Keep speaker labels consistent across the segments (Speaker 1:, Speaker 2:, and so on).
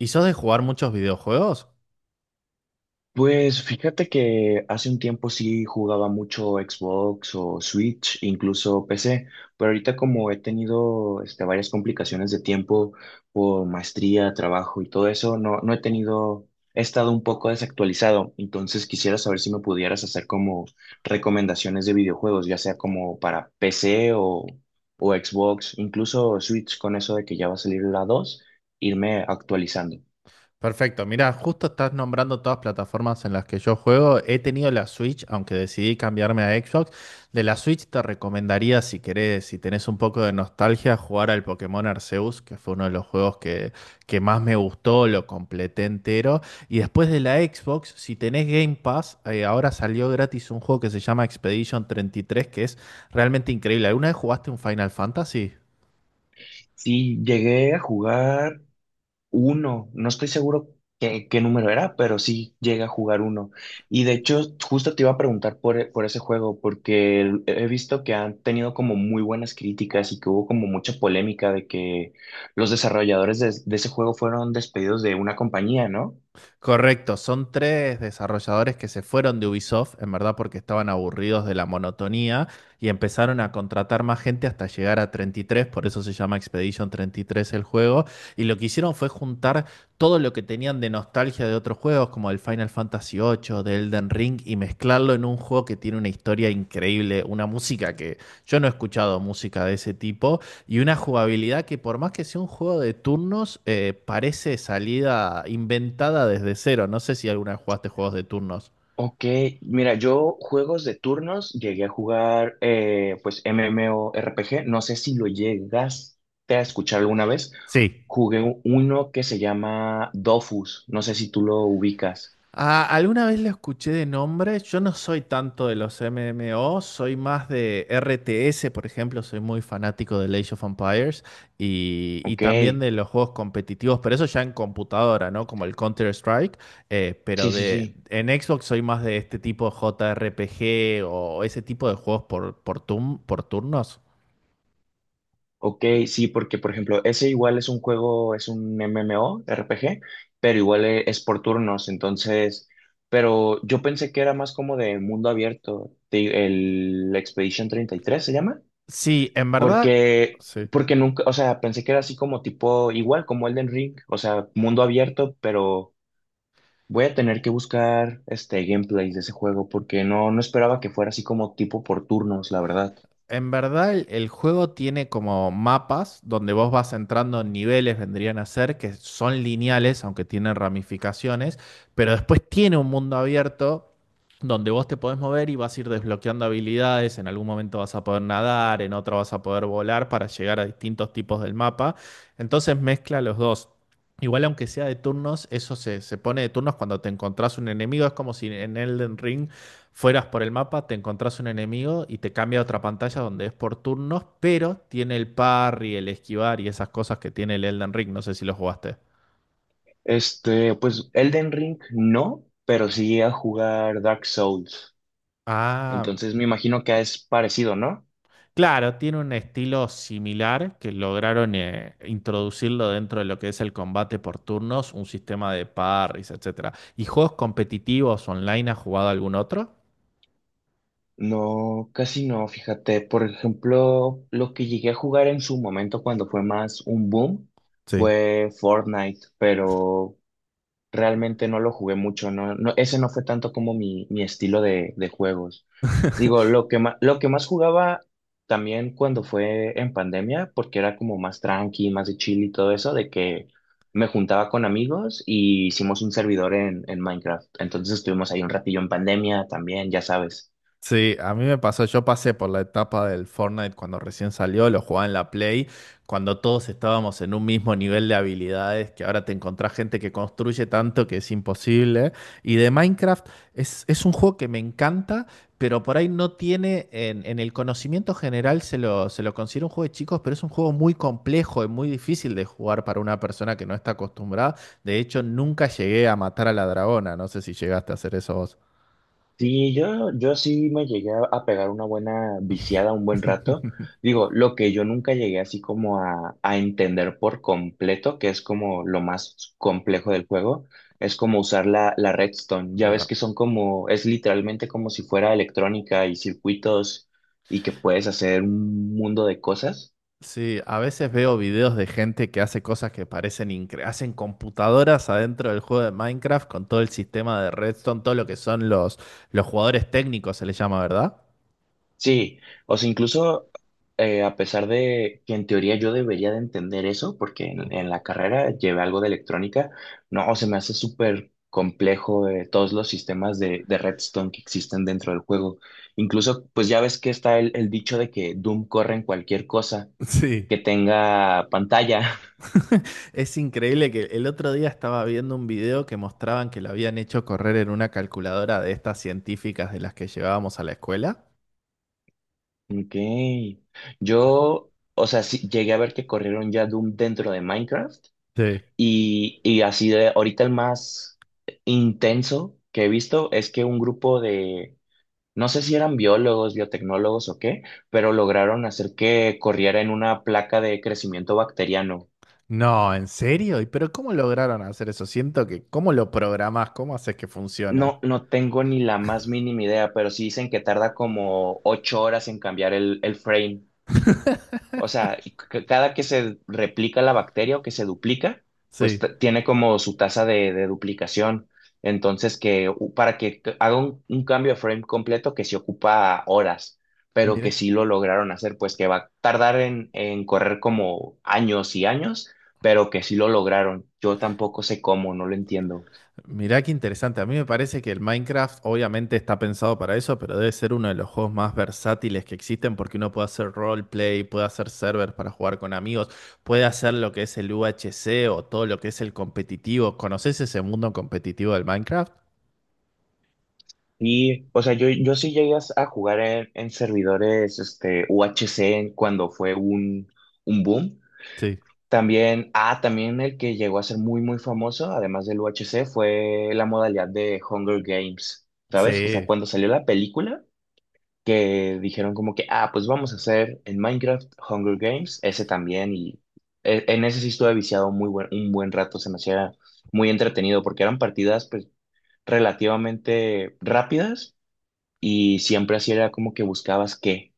Speaker 1: ¿Y sos de jugar muchos videojuegos?
Speaker 2: Pues fíjate que hace un tiempo sí jugaba mucho Xbox o Switch, incluso PC, pero ahorita como he tenido varias complicaciones de tiempo por maestría, trabajo y todo eso, no, no he tenido, he estado un poco desactualizado. Entonces quisiera saber si me pudieras hacer como recomendaciones de videojuegos, ya sea como para PC o Xbox, incluso Switch con eso de que ya va a salir la 2, irme actualizando.
Speaker 1: Perfecto, mira, justo estás nombrando todas plataformas en las que yo juego. He tenido la Switch, aunque decidí cambiarme a Xbox. De la Switch te recomendaría, si querés, si tenés un poco de nostalgia, jugar al Pokémon Arceus, que fue uno de los juegos que más me gustó, lo completé entero. Y después de la Xbox, si tenés Game Pass, ahora salió gratis un juego que se llama Expedition treinta y tres, que es realmente increíble. ¿Alguna vez jugaste un Final Fantasy?
Speaker 2: Sí, llegué a jugar uno, no estoy seguro qué número era, pero sí llega a jugar uno. Y de hecho, justo te iba a preguntar por, por ese juego, porque he visto que han tenido como muy buenas críticas y que hubo como mucha polémica de que los desarrolladores de ese juego fueron despedidos de una compañía, ¿no?
Speaker 1: Correcto, son tres desarrolladores que se fueron de Ubisoft, en verdad porque estaban aburridos de la monotonía y empezaron a contratar más gente hasta llegar a 33, por eso se llama Expedition treinta y tres el juego, y lo que hicieron fue juntar todo lo que tenían de nostalgia de otros juegos como el Final Fantasy ocho, de Elden Ring, y mezclarlo en un juego que tiene una historia increíble, una música que yo no he escuchado música de ese tipo, y una jugabilidad que por más que sea un juego de turnos, parece salida inventada desde cero. No sé si alguna vez jugaste juegos de turnos.
Speaker 2: Ok, mira, yo juegos de turnos llegué a jugar pues MMORPG, no sé si lo llegaste a escuchar alguna vez.
Speaker 1: Sí.
Speaker 2: Jugué uno que se llama Dofus, no sé si tú lo ubicas.
Speaker 1: Ah, alguna vez lo escuché de nombre. Yo no soy tanto de los MMO, soy más de RTS, por ejemplo. Soy muy fanático de Age of Empires y
Speaker 2: Ok,
Speaker 1: también
Speaker 2: sí,
Speaker 1: de los juegos competitivos, pero eso ya en computadora, ¿no? Como el Counter-Strike.
Speaker 2: sí,
Speaker 1: Pero
Speaker 2: sí.
Speaker 1: en Xbox soy más de este tipo de JRPG o ese tipo de juegos por turnos.
Speaker 2: Ok, sí, porque por ejemplo, ese igual es un juego, es un MMORPG, pero igual es por turnos, entonces, pero yo pensé que era más como de mundo abierto, el Expedition 33 se llama.
Speaker 1: Sí, en verdad.
Speaker 2: Porque,
Speaker 1: Sí.
Speaker 2: porque nunca, o sea, pensé que era así como tipo, igual como Elden Ring, o sea, mundo abierto, pero voy a tener que buscar este gameplay de ese juego porque no, no esperaba que fuera así como tipo por turnos, la verdad.
Speaker 1: En verdad, el juego tiene como mapas donde vos vas entrando en niveles, vendrían a ser, que son lineales, aunque tienen ramificaciones, pero después tiene un mundo abierto donde vos te podés mover y vas a ir desbloqueando habilidades, en algún momento vas a poder nadar, en otro vas a poder volar para llegar a distintos tipos del mapa. Entonces mezcla los dos. Igual aunque sea de turnos, eso se pone de turnos cuando te encontrás un enemigo, es como si en Elden Ring fueras por el mapa, te encontrás un enemigo y te cambia a otra pantalla donde es por turnos, pero tiene el parry, el esquivar y esas cosas que tiene el Elden Ring. No sé si lo jugaste.
Speaker 2: Este, pues Elden Ring no, pero sí a jugar Dark Souls.
Speaker 1: Ah,
Speaker 2: Entonces me imagino que es parecido, ¿no?
Speaker 1: claro, tiene un estilo similar que lograron introducirlo dentro de lo que es el combate por turnos, un sistema de parries, etcétera. ¿Y juegos competitivos online has jugado algún otro?
Speaker 2: No, casi no, fíjate. Por ejemplo, lo que llegué a jugar en su momento cuando fue más un boom
Speaker 1: Sí.
Speaker 2: fue Fortnite, pero realmente no lo jugué mucho. No, no, ese no fue tanto como mi estilo de juegos. Digo, lo que más jugaba también cuando fue en pandemia, porque era como más tranqui, más de chill y todo eso, de que me juntaba con amigos y hicimos un servidor en Minecraft. Entonces estuvimos ahí un ratillo en pandemia también, ya sabes.
Speaker 1: Sí, a mí me pasó, yo pasé por la etapa del Fortnite cuando recién salió, lo jugaba en la Play, cuando todos estábamos en un mismo nivel de habilidades, que ahora te encontrás gente que construye tanto que es imposible. Y de Minecraft es un juego que me encanta, pero por ahí no tiene, en el conocimiento general se lo considera un juego de chicos, pero es un juego muy complejo y muy difícil de jugar para una persona que no está acostumbrada. De hecho, nunca llegué a matar a la dragona, no sé si llegaste a hacer eso
Speaker 2: Sí, yo sí me llegué a pegar una buena viciada un buen rato. Digo, lo que yo nunca llegué así como a entender por completo, que es como lo más complejo del juego, es como usar la redstone. Ya ves que
Speaker 1: vos.
Speaker 2: son como, es literalmente como si fuera electrónica y circuitos y que puedes hacer un mundo de cosas.
Speaker 1: Sí, a veces veo videos de gente que hace cosas que parecen hacen computadoras adentro del juego de Minecraft con todo el sistema de Redstone, todo lo que son los jugadores técnicos, se les llama, ¿verdad?
Speaker 2: Sí, o sea, incluso a pesar de que en teoría yo debería de entender eso, porque en, en la carrera llevé algo de electrónica. No, se me hace súper complejo todos los sistemas de Redstone que existen dentro del juego. Incluso, pues ya ves que está el dicho de que Doom corre en cualquier cosa
Speaker 1: Sí.
Speaker 2: que tenga pantalla.
Speaker 1: Es increíble que el otro día estaba viendo un video que mostraban que lo habían hecho correr en una calculadora de estas científicas de las que llevábamos a la escuela.
Speaker 2: Ok, yo, o sea, sí, llegué a ver que corrieron ya Doom dentro de Minecraft.
Speaker 1: Sí.
Speaker 2: Y así de ahorita el más intenso que he visto es que un grupo de, no sé si eran biólogos, biotecnólogos o qué, pero lograron hacer que corriera en una placa de crecimiento bacteriano.
Speaker 1: No, ¿en serio? ¿Y pero cómo lograron hacer eso? Siento que, ¿cómo lo programás? ¿Cómo haces que funcione?
Speaker 2: No, no tengo ni la más mínima idea, pero sí dicen que tarda como 8 horas en cambiar el frame. O sea, y cada que se replica la bacteria o que se duplica, pues
Speaker 1: Sí.
Speaker 2: tiene como su tasa de duplicación. Entonces, que para que haga un cambio de frame completo que se ocupa horas, pero que
Speaker 1: Mira.
Speaker 2: sí lo lograron hacer, pues que va a tardar en correr como años y años, pero que sí lo lograron. Yo tampoco sé cómo, no lo entiendo.
Speaker 1: Mirá qué interesante. A mí me parece que el Minecraft obviamente está pensado para eso, pero debe ser uno de los juegos más versátiles que existen porque uno puede hacer roleplay, puede hacer servers para jugar con amigos, puede hacer lo que es el UHC o todo lo que es el competitivo. ¿Conoces ese mundo competitivo del Minecraft?
Speaker 2: Y, o sea, yo sí llegué a jugar en servidores UHC cuando fue un boom.
Speaker 1: Sí.
Speaker 2: También, ah, también el que llegó a ser muy, muy famoso, además del UHC, fue la modalidad de Hunger Games, ¿sabes? O sea,
Speaker 1: Sí.
Speaker 2: cuando salió la película, que dijeron como que, ah, pues vamos a hacer en Minecraft Hunger Games, ese también. Y en ese sí estuve viciado muy buen, un buen rato, se me hacía muy entretenido, porque eran partidas, pues, relativamente rápidas, y siempre así era como que buscabas qué.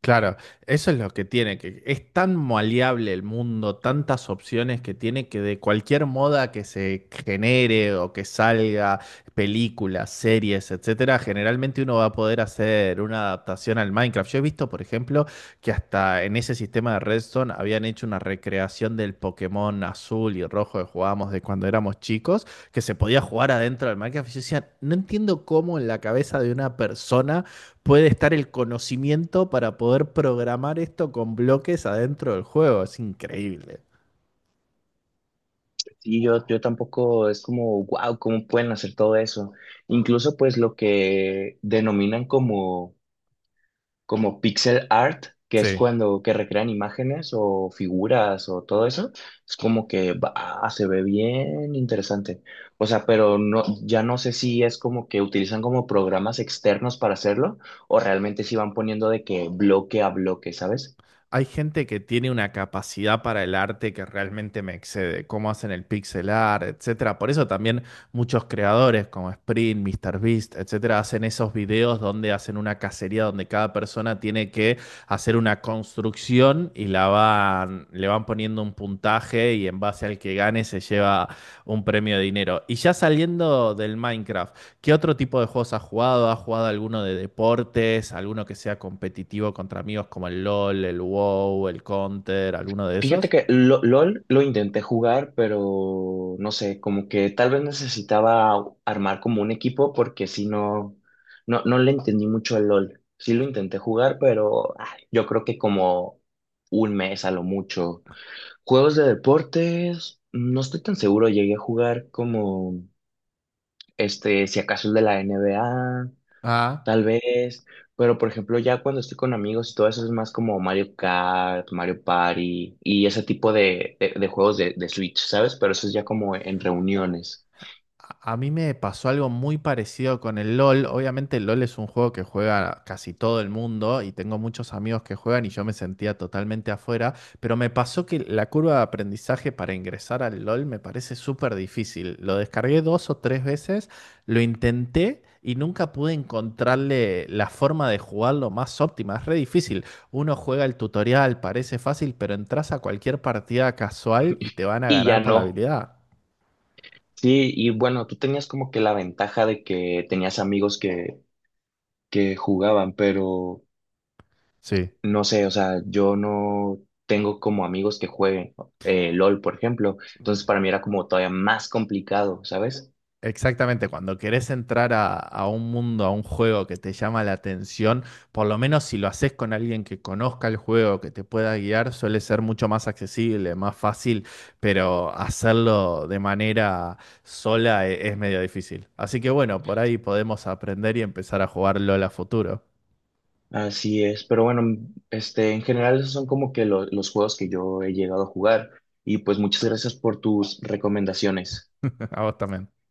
Speaker 1: Claro, eso es lo que tiene, que es tan maleable el mundo, tantas opciones que tiene que de cualquier moda que se genere o que salga, películas, series, etcétera, generalmente uno va a poder hacer una adaptación al Minecraft. Yo he visto, por ejemplo, que hasta en ese sistema de Redstone habían hecho una recreación del Pokémon azul y rojo que jugábamos de cuando éramos chicos, que se podía jugar adentro del Minecraft. Y yo decía, no entiendo cómo en la cabeza de una persona puede estar el conocimiento para poder programar esto con bloques adentro del juego. Es increíble.
Speaker 2: Sí, yo tampoco es como, wow, ¿cómo pueden hacer todo eso? Incluso pues lo que denominan como, como pixel art, que es
Speaker 1: Sí.
Speaker 2: cuando que recrean imágenes o figuras o todo eso, es como que va, se ve bien interesante. O sea, pero no, ya no sé si es como que utilizan como programas externos para hacerlo o realmente si van poniendo de que bloque a bloque, ¿sabes?
Speaker 1: Hay gente que tiene una capacidad para el arte que realmente me excede, cómo hacen el pixel art, etcétera. Por eso también muchos creadores como Sprint, MrBeast, etcétera, hacen esos videos donde hacen una cacería donde cada persona tiene que hacer una construcción y la van, le van poniendo un puntaje y en base al que gane se lleva un premio de dinero. Y ya saliendo del Minecraft, ¿qué otro tipo de juegos has jugado? ¿Has jugado alguno de deportes? ¿Alguno que sea competitivo contra amigos como el LOL, el WoW, el Counter, alguno de
Speaker 2: Fíjate
Speaker 1: esos?
Speaker 2: que LOL lo intenté jugar, pero no sé, como que tal vez necesitaba armar como un equipo porque si no, no, no le entendí mucho al LOL. Sí lo intenté jugar, pero ay, yo creo que como un mes a lo mucho. Juegos de deportes, no estoy tan seguro, llegué a jugar como si acaso el de la NBA
Speaker 1: Ah.
Speaker 2: tal vez, pero por ejemplo, ya cuando estoy con amigos y todo eso es más como Mario Kart, Mario Party y ese tipo de juegos de Switch, ¿sabes? Pero eso es ya como en reuniones.
Speaker 1: A mí me pasó algo muy parecido con el LOL. Obviamente el LOL es un juego que juega casi todo el mundo y tengo muchos amigos que juegan y yo me sentía totalmente afuera, pero me pasó que la curva de aprendizaje para ingresar al LOL me parece súper difícil. Lo descargué dos o tres veces, lo intenté y nunca pude encontrarle la forma de jugarlo más óptima. Es re difícil. Uno juega el tutorial, parece fácil, pero entras a cualquier partida casual y te van a
Speaker 2: Y
Speaker 1: ganar
Speaker 2: ya
Speaker 1: por la
Speaker 2: no.
Speaker 1: habilidad.
Speaker 2: Sí, y bueno, tú tenías como que la ventaja de que tenías amigos que jugaban, pero
Speaker 1: Sí.
Speaker 2: no sé, o sea, yo no tengo como amigos que jueguen LOL, por ejemplo. Entonces para mí era como todavía más complicado, ¿sabes?
Speaker 1: Exactamente, cuando querés entrar a un mundo, a un juego que te llama la atención, por lo menos si lo haces con alguien que conozca el juego, que te pueda guiar, suele ser mucho más accesible, más fácil, pero hacerlo de manera sola es, medio difícil. Así que bueno, por ahí podemos aprender y empezar a jugar LOL a futuro.
Speaker 2: Así es, pero bueno, este, en general esos son como que los juegos que yo he llegado a jugar y pues muchas gracias por tus recomendaciones.
Speaker 1: A vos también.